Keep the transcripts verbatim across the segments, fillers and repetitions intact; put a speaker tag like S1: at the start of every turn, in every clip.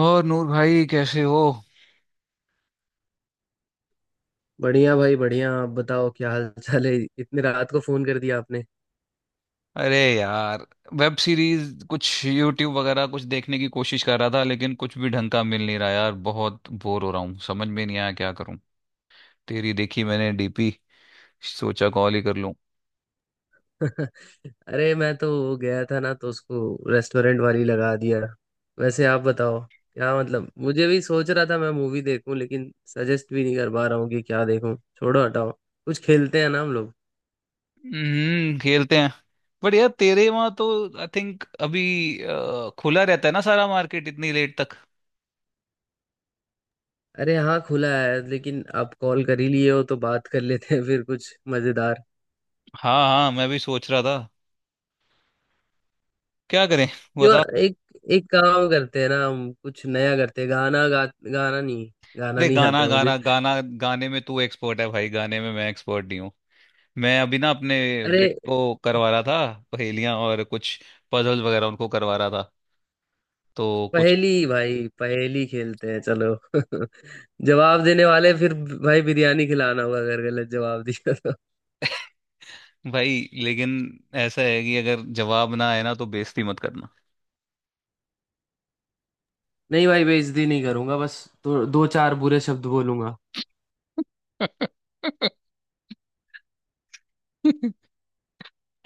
S1: और नूर भाई कैसे हो।
S2: बढ़िया भाई बढ़िया। आप बताओ क्या हाल चाल है। इतनी रात को फोन कर दिया आपने।
S1: अरे यार, वेब सीरीज कुछ यूट्यूब वगैरह कुछ देखने की कोशिश कर रहा था लेकिन कुछ भी ढंग का मिल नहीं रहा यार। बहुत बोर हो रहा हूँ, समझ में नहीं आया क्या करूँ। तेरी देखी मैंने डीपी, सोचा कॉल ही कर लूँ।
S2: अरे मैं तो गया था ना तो उसको रेस्टोरेंट वाली लगा दिया। वैसे आप बताओ क्या। मतलब मुझे भी सोच रहा था मैं मूवी देखूं लेकिन सजेस्ट भी नहीं कर पा रहा हूँ कि क्या देखूं। छोड़ो हटाओ, कुछ खेलते हैं ना हम लोग।
S1: हम्म, खेलते हैं। बट यार तेरे वहां तो आई थिंक अभी अ, खुला रहता है ना सारा मार्केट इतनी लेट तक।
S2: अरे हाँ खुला है, लेकिन आप कॉल कर ही लिए हो तो बात कर लेते हैं। फिर कुछ मजेदार।
S1: हाँ हाँ, मैं भी सोच रहा था क्या करें।
S2: क्यों?
S1: बता।
S2: एक एक काम करते हैं ना, हम कुछ नया करते हैं। गाना गा, गाना नहीं। गाना
S1: अरे
S2: नहीं आता
S1: गाना
S2: है मुझे।
S1: गाना गाना, गाने में तू एक्सपर्ट है भाई, गाने में मैं एक्सपर्ट नहीं हूँ। मैं अभी ना अपने
S2: अरे
S1: बेटे को करवा रहा था पहेलियां और कुछ पजल वगैरह उनको करवा रहा था तो कुछ।
S2: पहेली भाई, पहेली खेलते हैं चलो। जवाब देने वाले फिर भाई बिरयानी खिलाना होगा अगर गलत जवाब दिया तो।
S1: भाई लेकिन ऐसा है कि अगर जवाब ना आए ना तो बेइज्जती मत करना।
S2: नहीं भाई बेइज्जती नहीं करूंगा, बस दो, दो चार बुरे शब्द बोलूंगा।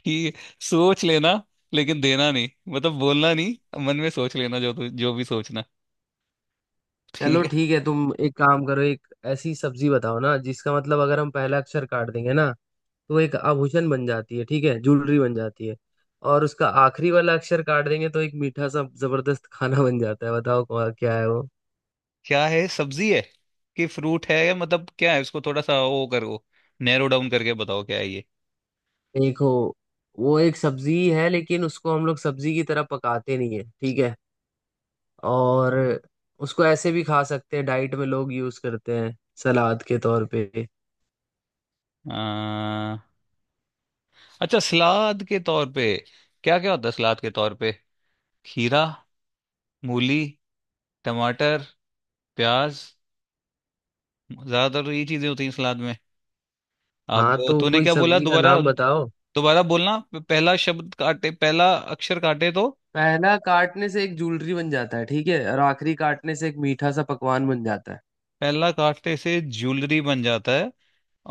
S1: ठीक है, सोच लेना लेकिन देना नहीं, मतलब बोलना नहीं, मन में सोच लेना जो तु- जो भी सोचना।
S2: चलो
S1: ठीक है।
S2: ठीक है, तुम एक काम करो। एक ऐसी सब्जी बताओ ना जिसका मतलब अगर हम पहला अक्षर काट देंगे ना तो वो एक आभूषण बन जाती है, ठीक है, ज्वेलरी बन जाती है। और उसका आखिरी वाला अक्षर काट देंगे तो एक मीठा सा जबरदस्त खाना बन जाता है। बताओ कौन- क्या है।
S1: क्या है, सब्जी है कि फ्रूट है या मतलब क्या है? इसको थोड़ा सा वो करो, नैरो डाउन करके बताओ क्या है ये।
S2: देखो वो एक सब्जी है लेकिन उसको हम लोग सब्जी की तरह पकाते नहीं है, ठीक है। और उसको ऐसे भी खा सकते हैं, डाइट में लोग यूज करते हैं, सलाद के तौर पे।
S1: आ, अच्छा सलाद के तौर पे। क्या क्या होता है सलाद के तौर पे? खीरा, मूली, टमाटर, प्याज, ज्यादातर यही चीजें होती हैं सलाद में। अब
S2: हाँ तो
S1: तूने
S2: कोई
S1: क्या बोला
S2: सब्जी का
S1: दोबारा?
S2: नाम बताओ।
S1: दोबारा बोलना। प- पहला शब्द काटे, पहला अक्षर काटे तो?
S2: पहला काटने से एक जूलरी बन जाता है, ठीक है, और आखिरी काटने से एक मीठा सा पकवान बन जाता है।
S1: पहला काटने से ज्वेलरी बन जाता है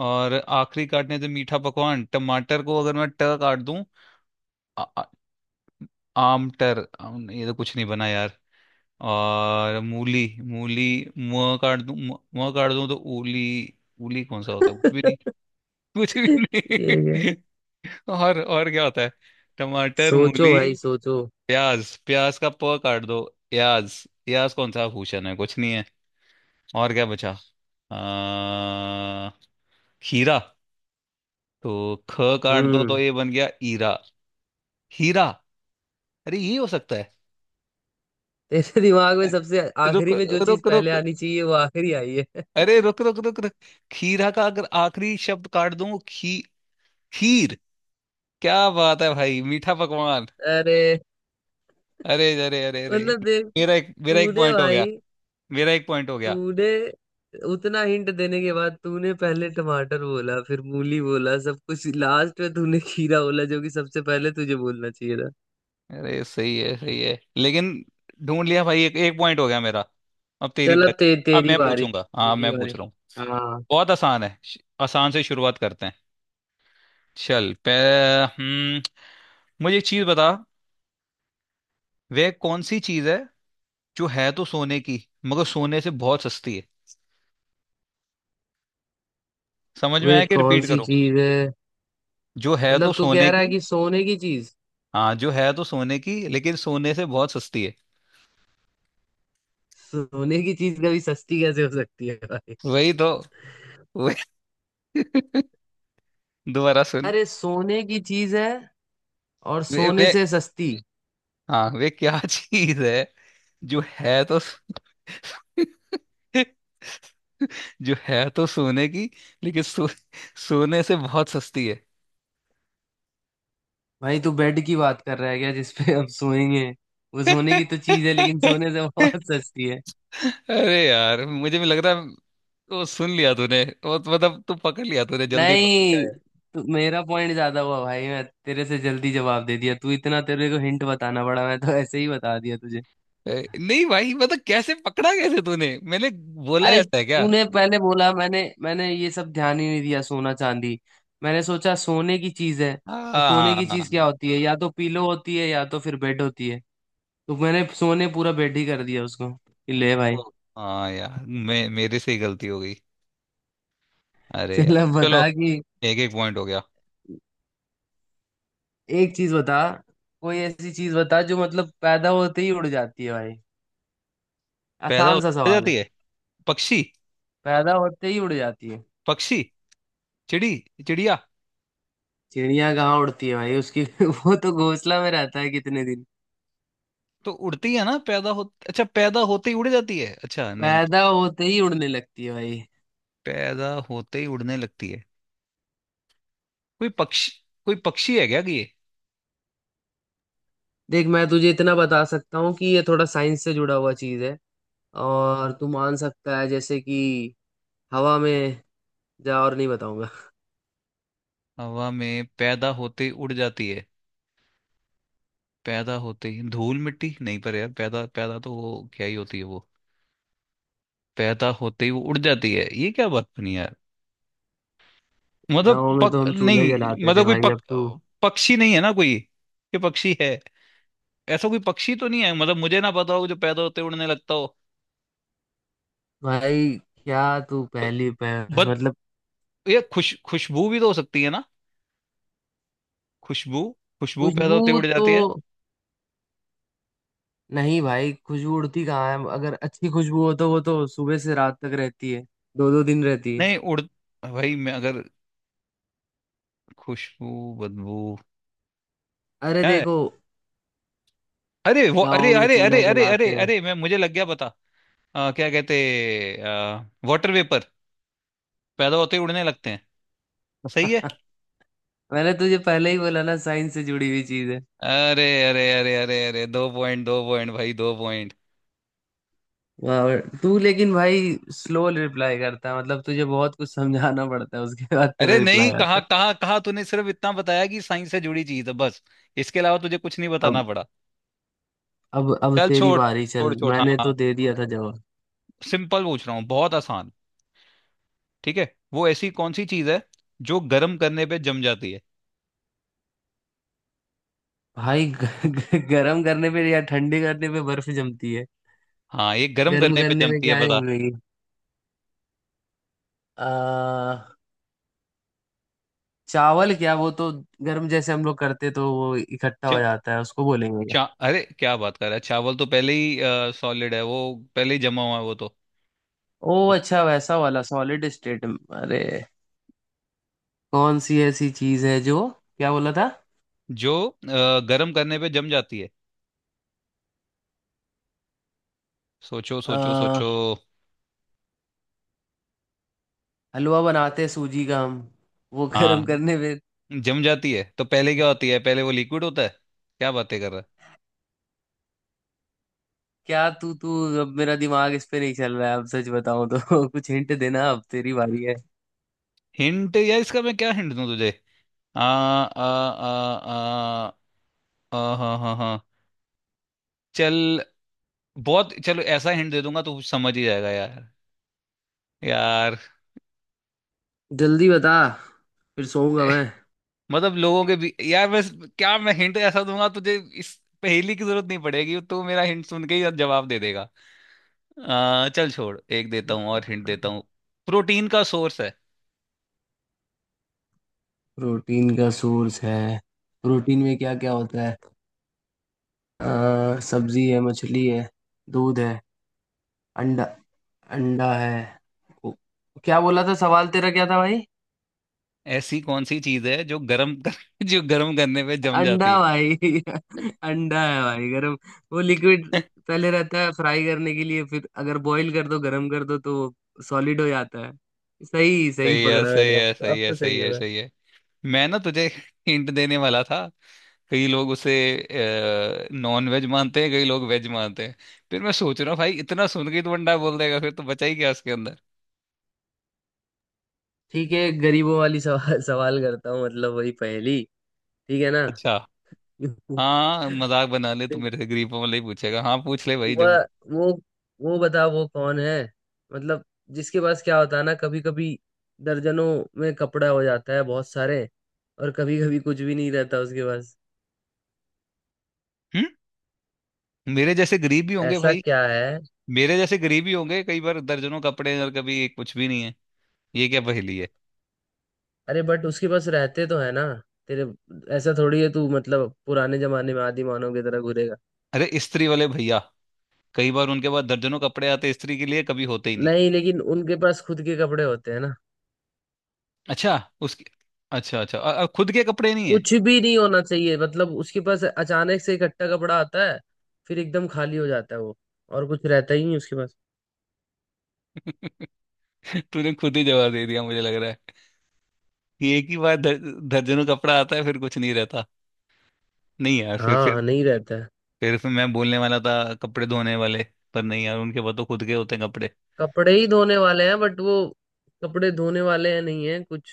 S1: और आखिरी काटने से मीठा पकवान। टमाटर को अगर मैं ट काट दूं। आ, आ- आमटर, आम, ये तो कुछ नहीं बना यार। और मूली, मूली म काट दूं, म म काट दूं तो उली। उली कौन सा होता है, कुछ भी? कुछ भी
S2: ये क्या।
S1: नहीं। और और क्या होता है? टमाटर,
S2: सोचो
S1: मूली,
S2: भाई सोचो।
S1: प्याज, प्याज का प काट दो, प्याज। प्याज कौन सा भूषण है, कुछ नहीं है। और क्या बचा? आ, खीरा। तो ख काट दो तो
S2: हम्म,
S1: ये बन गया ईरा, हीरा, अरे ये हो सकता है।
S2: तेरे दिमाग में सबसे
S1: रुक
S2: आखिरी में जो चीज
S1: रुक रुक,
S2: पहले आनी चाहिए वो आखिरी आई है।
S1: अरे रुक रुक रुक रुक। खीरा का अगर आखिरी शब्द काट दूं, खी, खीर। क्या बात है भाई, मीठा पकवान।
S2: अरे
S1: अरे अरे अरे अरे,
S2: मतलब देख,
S1: मेरा एक मेरा एक
S2: तूने
S1: पॉइंट हो गया।
S2: भाई,
S1: मेरा एक पॉइंट हो गया।
S2: तूने उतना हिंट देने के बाद तूने पहले टमाटर बोला, फिर मूली बोला, सब कुछ। लास्ट में तूने खीरा बोला, जो कि सबसे पहले तुझे बोलना चाहिए था।
S1: अरे सही है सही है, लेकिन ढूंढ लिया भाई, एक एक पॉइंट हो गया मेरा। अब तेरी
S2: चल
S1: बारी।
S2: अब ते,
S1: अब
S2: तेरी
S1: मैं
S2: बारी,
S1: पूछूंगा, हाँ
S2: तेरी
S1: मैं पूछ
S2: बारी।
S1: रहा हूँ।
S2: हाँ,
S1: बहुत आसान है, श- आसान से शुरुआत करते हैं। चल पे। हम्म। मुझे एक चीज बता, वह कौन सी चीज है जो है तो सोने की मगर सोने से बहुत सस्ती है? समझ में
S2: वे
S1: आया कि
S2: कौन
S1: रिपीट
S2: सी
S1: करो?
S2: चीज है?
S1: जो है तो
S2: मतलब तू
S1: सोने
S2: कह रहा है
S1: की।
S2: कि सोने की चीज?
S1: हाँ, जो है तो सोने की लेकिन सोने से बहुत सस्ती है।
S2: सोने की चीज कभी सस्ती कैसे हो सकती है भाई?
S1: वही तो, वही। दोबारा सुन।
S2: अरे सोने की चीज है और
S1: वे,
S2: सोने
S1: वे,
S2: से सस्ती।
S1: हाँ वे क्या चीज है जो है तो जो है तो सोने की लेकिन सो, सोने से बहुत सस्ती है।
S2: भाई तू बेड की बात कर रहा है क्या, जिसपे हम सोएंगे? वो सोने की तो चीज है लेकिन सोने से बहुत सस्ती है।
S1: अरे यार मुझे भी लग रहा है। वो सुन लिया तूने, वो तो मतलब तू पकड़ लिया, तूने जल्दी पकड़
S2: नहीं,
S1: लिया।
S2: तू- मेरा पॉइंट ज्यादा हुआ भाई, मैं तेरे से जल्दी जवाब दे दिया। तू इतना, तेरे को हिंट बताना पड़ा। मैं तो ऐसे ही बता दिया तुझे।
S1: है ए, नहीं भाई मतलब कैसे पकड़ा, कैसे तूने, मैंने बोला
S2: अरे
S1: ऐसा है क्या?
S2: तूने पहले बोला, मैंने मैंने ये सब ध्यान ही नहीं दिया, सोना चांदी। मैंने सोचा सोने की चीज है, तो सोने
S1: हाँ।
S2: की चीज क्या होती है, या तो पीलो होती है या तो फिर बेड होती है। तो मैंने सोने पूरा बेड ही कर दिया उसको कि ले भाई।
S1: ओ, हाँ यार, मैं मेरे से ही गलती हो गई। अरे
S2: चल
S1: यार
S2: अब
S1: चलो,
S2: बता कि
S1: एक एक पॉइंट हो गया।
S2: एक चीज बता। कोई ऐसी चीज बता जो मतलब पैदा होते ही उड़ जाती है भाई।
S1: पैदा
S2: आसान
S1: हो
S2: सा सवाल है।
S1: जाती है। पक्षी।
S2: पैदा होते ही उड़ जाती है।
S1: पक्षी, चिड़ी, चिड़िया।
S2: चिड़िया कहाँ उड़ती है भाई उसकी, वो तो घोंसला में रहता है कितने दिन।
S1: तो उड़ती है ना पैदा हो। अच्छा, पैदा होते ही उड़ जाती है? अच्छा नहीं।
S2: पैदा होते ही उड़ने लगती है भाई।
S1: पैदा होते ही उड़ने लगती है? कोई पक्षी? कोई पक्षी है क्या कि ये?
S2: देख मैं तुझे इतना बता सकता हूँ कि ये थोड़ा साइंस से जुड़ा हुआ चीज है। और तू मान सकता है जैसे कि हवा में। जा और नहीं बताऊंगा।
S1: हवा में पैदा होते ही उड़ जाती है। पैदा होते ही धूल मिट्टी, नहीं पर यार, पैदा, पैदा तो वो क्या ही होती है वो। पैदा होते ही वो उड़ जाती है, ये क्या बात बनी यार। मतलब
S2: गाँव में
S1: पक,
S2: तो हम चूल्हे
S1: नहीं
S2: जलाते थे
S1: मतलब कोई
S2: भाई,
S1: पक,
S2: अब तू
S1: पक्षी नहीं है ना कोई? ये पक्षी है? ऐसा कोई पक्षी तो नहीं है मतलब मुझे ना पता हो जो पैदा होते ही उड़ने लगता हो।
S2: भाई क्या तू
S1: ब-
S2: पहली पह,
S1: बत,
S2: मतलब
S1: ये खुश, खुशबू भी तो हो सकती है ना? खुशबू, खुशबू पैदा
S2: खुशबू
S1: होते उड़
S2: तो।
S1: जाती है।
S2: नहीं भाई खुशबू उड़ती कहाँ है, अगर अच्छी खुशबू हो तो वो तो सुबह से रात तक रहती है, दो दो दिन रहती है।
S1: नहीं उड़, भाई मैं अगर, खुशबू, बदबू,
S2: अरे
S1: क्या है?
S2: देखो
S1: अरे वो,
S2: गाँव
S1: अरे
S2: में
S1: अरे
S2: चूल्हा
S1: अरे अरे
S2: जलाते
S1: अरे
S2: हैं।
S1: अरे मैं, मुझे लग गया पता। अ, क्या कहते, वाटर वेपर, पैदा होते ही उड़ने लगते हैं। सही है।
S2: मैंने तुझे पहले ही बोला ना, साइंस से जुड़ी हुई चीज है।
S1: अरे अरे अरे अरे अरे, दो पॉइंट, दो पॉइंट भाई, दो पॉइंट।
S2: वाह, तू लेकिन भाई स्लो रिप्लाई करता है, मतलब तुझे बहुत कुछ समझाना पड़ता है, उसके बाद तेरा
S1: अरे नहीं,
S2: रिप्लाई
S1: कहा
S2: आता है।
S1: कहा कहा तूने सिर्फ इतना बताया कि साइंस से जुड़ी चीज है बस, इसके अलावा तुझे कुछ नहीं
S2: अब,
S1: बताना पड़ा।
S2: अब अब
S1: चल
S2: तेरी
S1: छोड़
S2: बारी।
S1: छोड़
S2: चल
S1: छोड़ हाँ
S2: मैंने तो
S1: हाँ।
S2: दे दिया था जवाब।
S1: सिंपल पूछ रहा हूँ, बहुत आसान। ठीक है, वो ऐसी कौन सी चीज है जो गर्म करने पे जम जाती है?
S2: भाई ग, ग, गर्म करने पे या ठंडी करने पे बर्फ जमती है।
S1: हाँ, ये गर्म
S2: गर्म
S1: करने पे
S2: करने पे
S1: जमती है,
S2: क्या
S1: बता।
S2: जमेगी? आ, चावल, क्या वो तो गर्म जैसे हम लोग करते तो वो इकट्ठा हो
S1: जम,
S2: जाता है, उसको बोलेंगे क्या?
S1: चा, अरे क्या बात कर रहा है, चावल तो पहले ही सॉलिड है वो, पहले ही जमा हुआ है वो तो।
S2: ओ अच्छा, वैसा वाला सॉलिड स्टेट। अरे कौन सी ऐसी चीज है जो, क्या बोला था?
S1: जो अ, गर्म करने पे जम जाती है। सोचो सोचो
S2: आ,
S1: सोचो।
S2: हलवा बनाते हैं सूजी का हम, वो गर्म
S1: हाँ,
S2: करने पे।
S1: जम जाती है तो पहले क्या होती है, पहले वो लिक्विड होता है। क्या बातें कर रहा है।
S2: क्या तू तू अब, मेरा दिमाग इस पे नहीं चल रहा है अब, सच बताऊं तो। कुछ हिंट देना, अब तेरी बारी है।
S1: हिंट या इसका मैं क्या हिंट दूं तुझे। आ आ आ आ आ हाँ हाँ हाँ। चल। बहुत चलो, ऐसा हिंट दे दूंगा तो समझ ही जाएगा यार। यार,
S2: जल्दी बता, फिर सोऊंगा मैं।
S1: मतलब लोगों के भी यार बस, क्या मैं हिंट ऐसा दूंगा तुझे इस पहेली की जरूरत नहीं पड़ेगी, तू मेरा हिंट सुन के ही जवाब दे देगा। आ, चल छोड़, एक देता हूँ और हिंट देता हूँ, प्रोटीन का सोर्स है।
S2: प्रोटीन का सोर्स है? प्रोटीन में क्या क्या होता है, अ, सब्जी है, मछली है, दूध है, अंडा। अंडा है? ओ, क्या बोला था सवाल तेरा, क्या था भाई?
S1: ऐसी कौन सी चीज है जो गर्म कर, जो गर्म करने पे जम
S2: अंडा
S1: जाती
S2: भाई, अंडा है भाई। गरम, वो लिक्विड
S1: है।
S2: पहले रहता है फ्राई करने के लिए, फिर अगर बॉईल कर दो, गरम कर दो, तो सॉलिड हो जाता है। सही, सही
S1: सही है
S2: पकड़ा मैंने।
S1: सही
S2: अब
S1: है
S2: अब
S1: सही है
S2: तो सही
S1: सही है
S2: होगा।
S1: सही है मैं ना तुझे हिंट देने वाला था, कई लोग उसे नॉन वेज मानते हैं, कई लोग वेज मानते हैं। फिर मैं सोच रहा हूँ भाई इतना सुन के ही तो बंदा बोल देगा, फिर तो बचा ही क्या उसके अंदर।
S2: ठीक है गरीबों वाली सवाल सवाल करता हूँ, मतलब वही पहेली, ठीक है ना?
S1: अच्छा, हाँ मजाक बना ले तू
S2: देख,
S1: मेरे से, गरीबों वाला ही पूछेगा, हाँ पूछ ले भाई
S2: वह
S1: जब।
S2: वो वो बता, वो कौन है, मतलब जिसके पास क्या होता है ना, कभी कभी दर्जनों में कपड़ा हो जाता है बहुत सारे, और कभी कभी कुछ भी नहीं रहता उसके पास।
S1: हम्म, मेरे जैसे गरीब भी होंगे
S2: ऐसा
S1: भाई।
S2: क्या है?
S1: मेरे जैसे गरीब ही होंगे, कई बार दर्जनों कपड़े हैं और कभी कुछ भी नहीं है। ये क्या पहेली है।
S2: अरे बट उसके पास रहते तो है ना तेरे। ऐसा थोड़ी है तू, मतलब पुराने जमाने में आदि मानव की तरह घूरेगा।
S1: अरे इस्त्री वाले भैया, कई बार उनके पास दर्जनों कपड़े आते हैं इस्त्री के लिए, कभी होते ही नहीं।
S2: नहीं लेकिन उनके पास खुद के कपड़े होते हैं ना।
S1: अच्छा, उसकी, अच्छा अच्छा अ- अ, खुद के कपड़े नहीं है।
S2: कुछ भी नहीं होना चाहिए मतलब उसके पास, अचानक से इकट्ठा कपड़ा आता है फिर एकदम खाली हो जाता है वो, और कुछ रहता ही नहीं उसके पास।
S1: तूने खुद ही जवाब दे दिया, मुझे लग रहा है कि एक ही बार दर, दर्जनों कपड़ा आता है फिर कुछ नहीं रहता। नहीं यार, फिर फिर
S2: हाँ नहीं रहता है।
S1: फिर, फिर मैं बोलने वाला था कपड़े धोने वाले, पर नहीं यार उनके पास तो खुद के होते हैं कपड़े।
S2: कपड़े ही धोने वाले हैं, बट वो कपड़े धोने वाले हैं, नहीं है कुछ।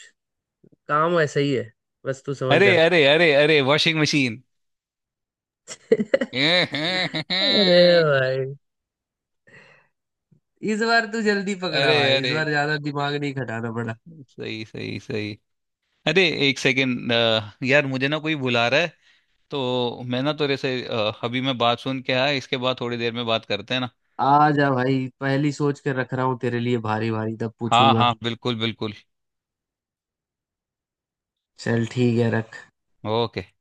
S2: काम वैसा ही है, बस तू समझ
S1: अरे
S2: जा।
S1: अरे अरे अरे, वॉशिंग मशीन।
S2: अरे
S1: अरे,
S2: भाई, इस बार तू जल्दी पकड़ा भाई,
S1: अरे,
S2: इस बार ज्यादा दिमाग नहीं खटाना पड़ा।
S1: सही सही सही। अरे एक सेकेंड, यार मुझे ना कोई बुला रहा है, तो मैं ना तेरे से अ, अभी मैं बात सुन के आया, इसके बाद थोड़ी देर में बात करते हैं ना।
S2: आ जा भाई, पहली सोच के रख रहा हूँ तेरे लिए, भारी भारी तब
S1: हाँ
S2: पूछूंगा।
S1: हाँ बिल्कुल बिल्कुल।
S2: चल ठीक है, रख।
S1: ओके।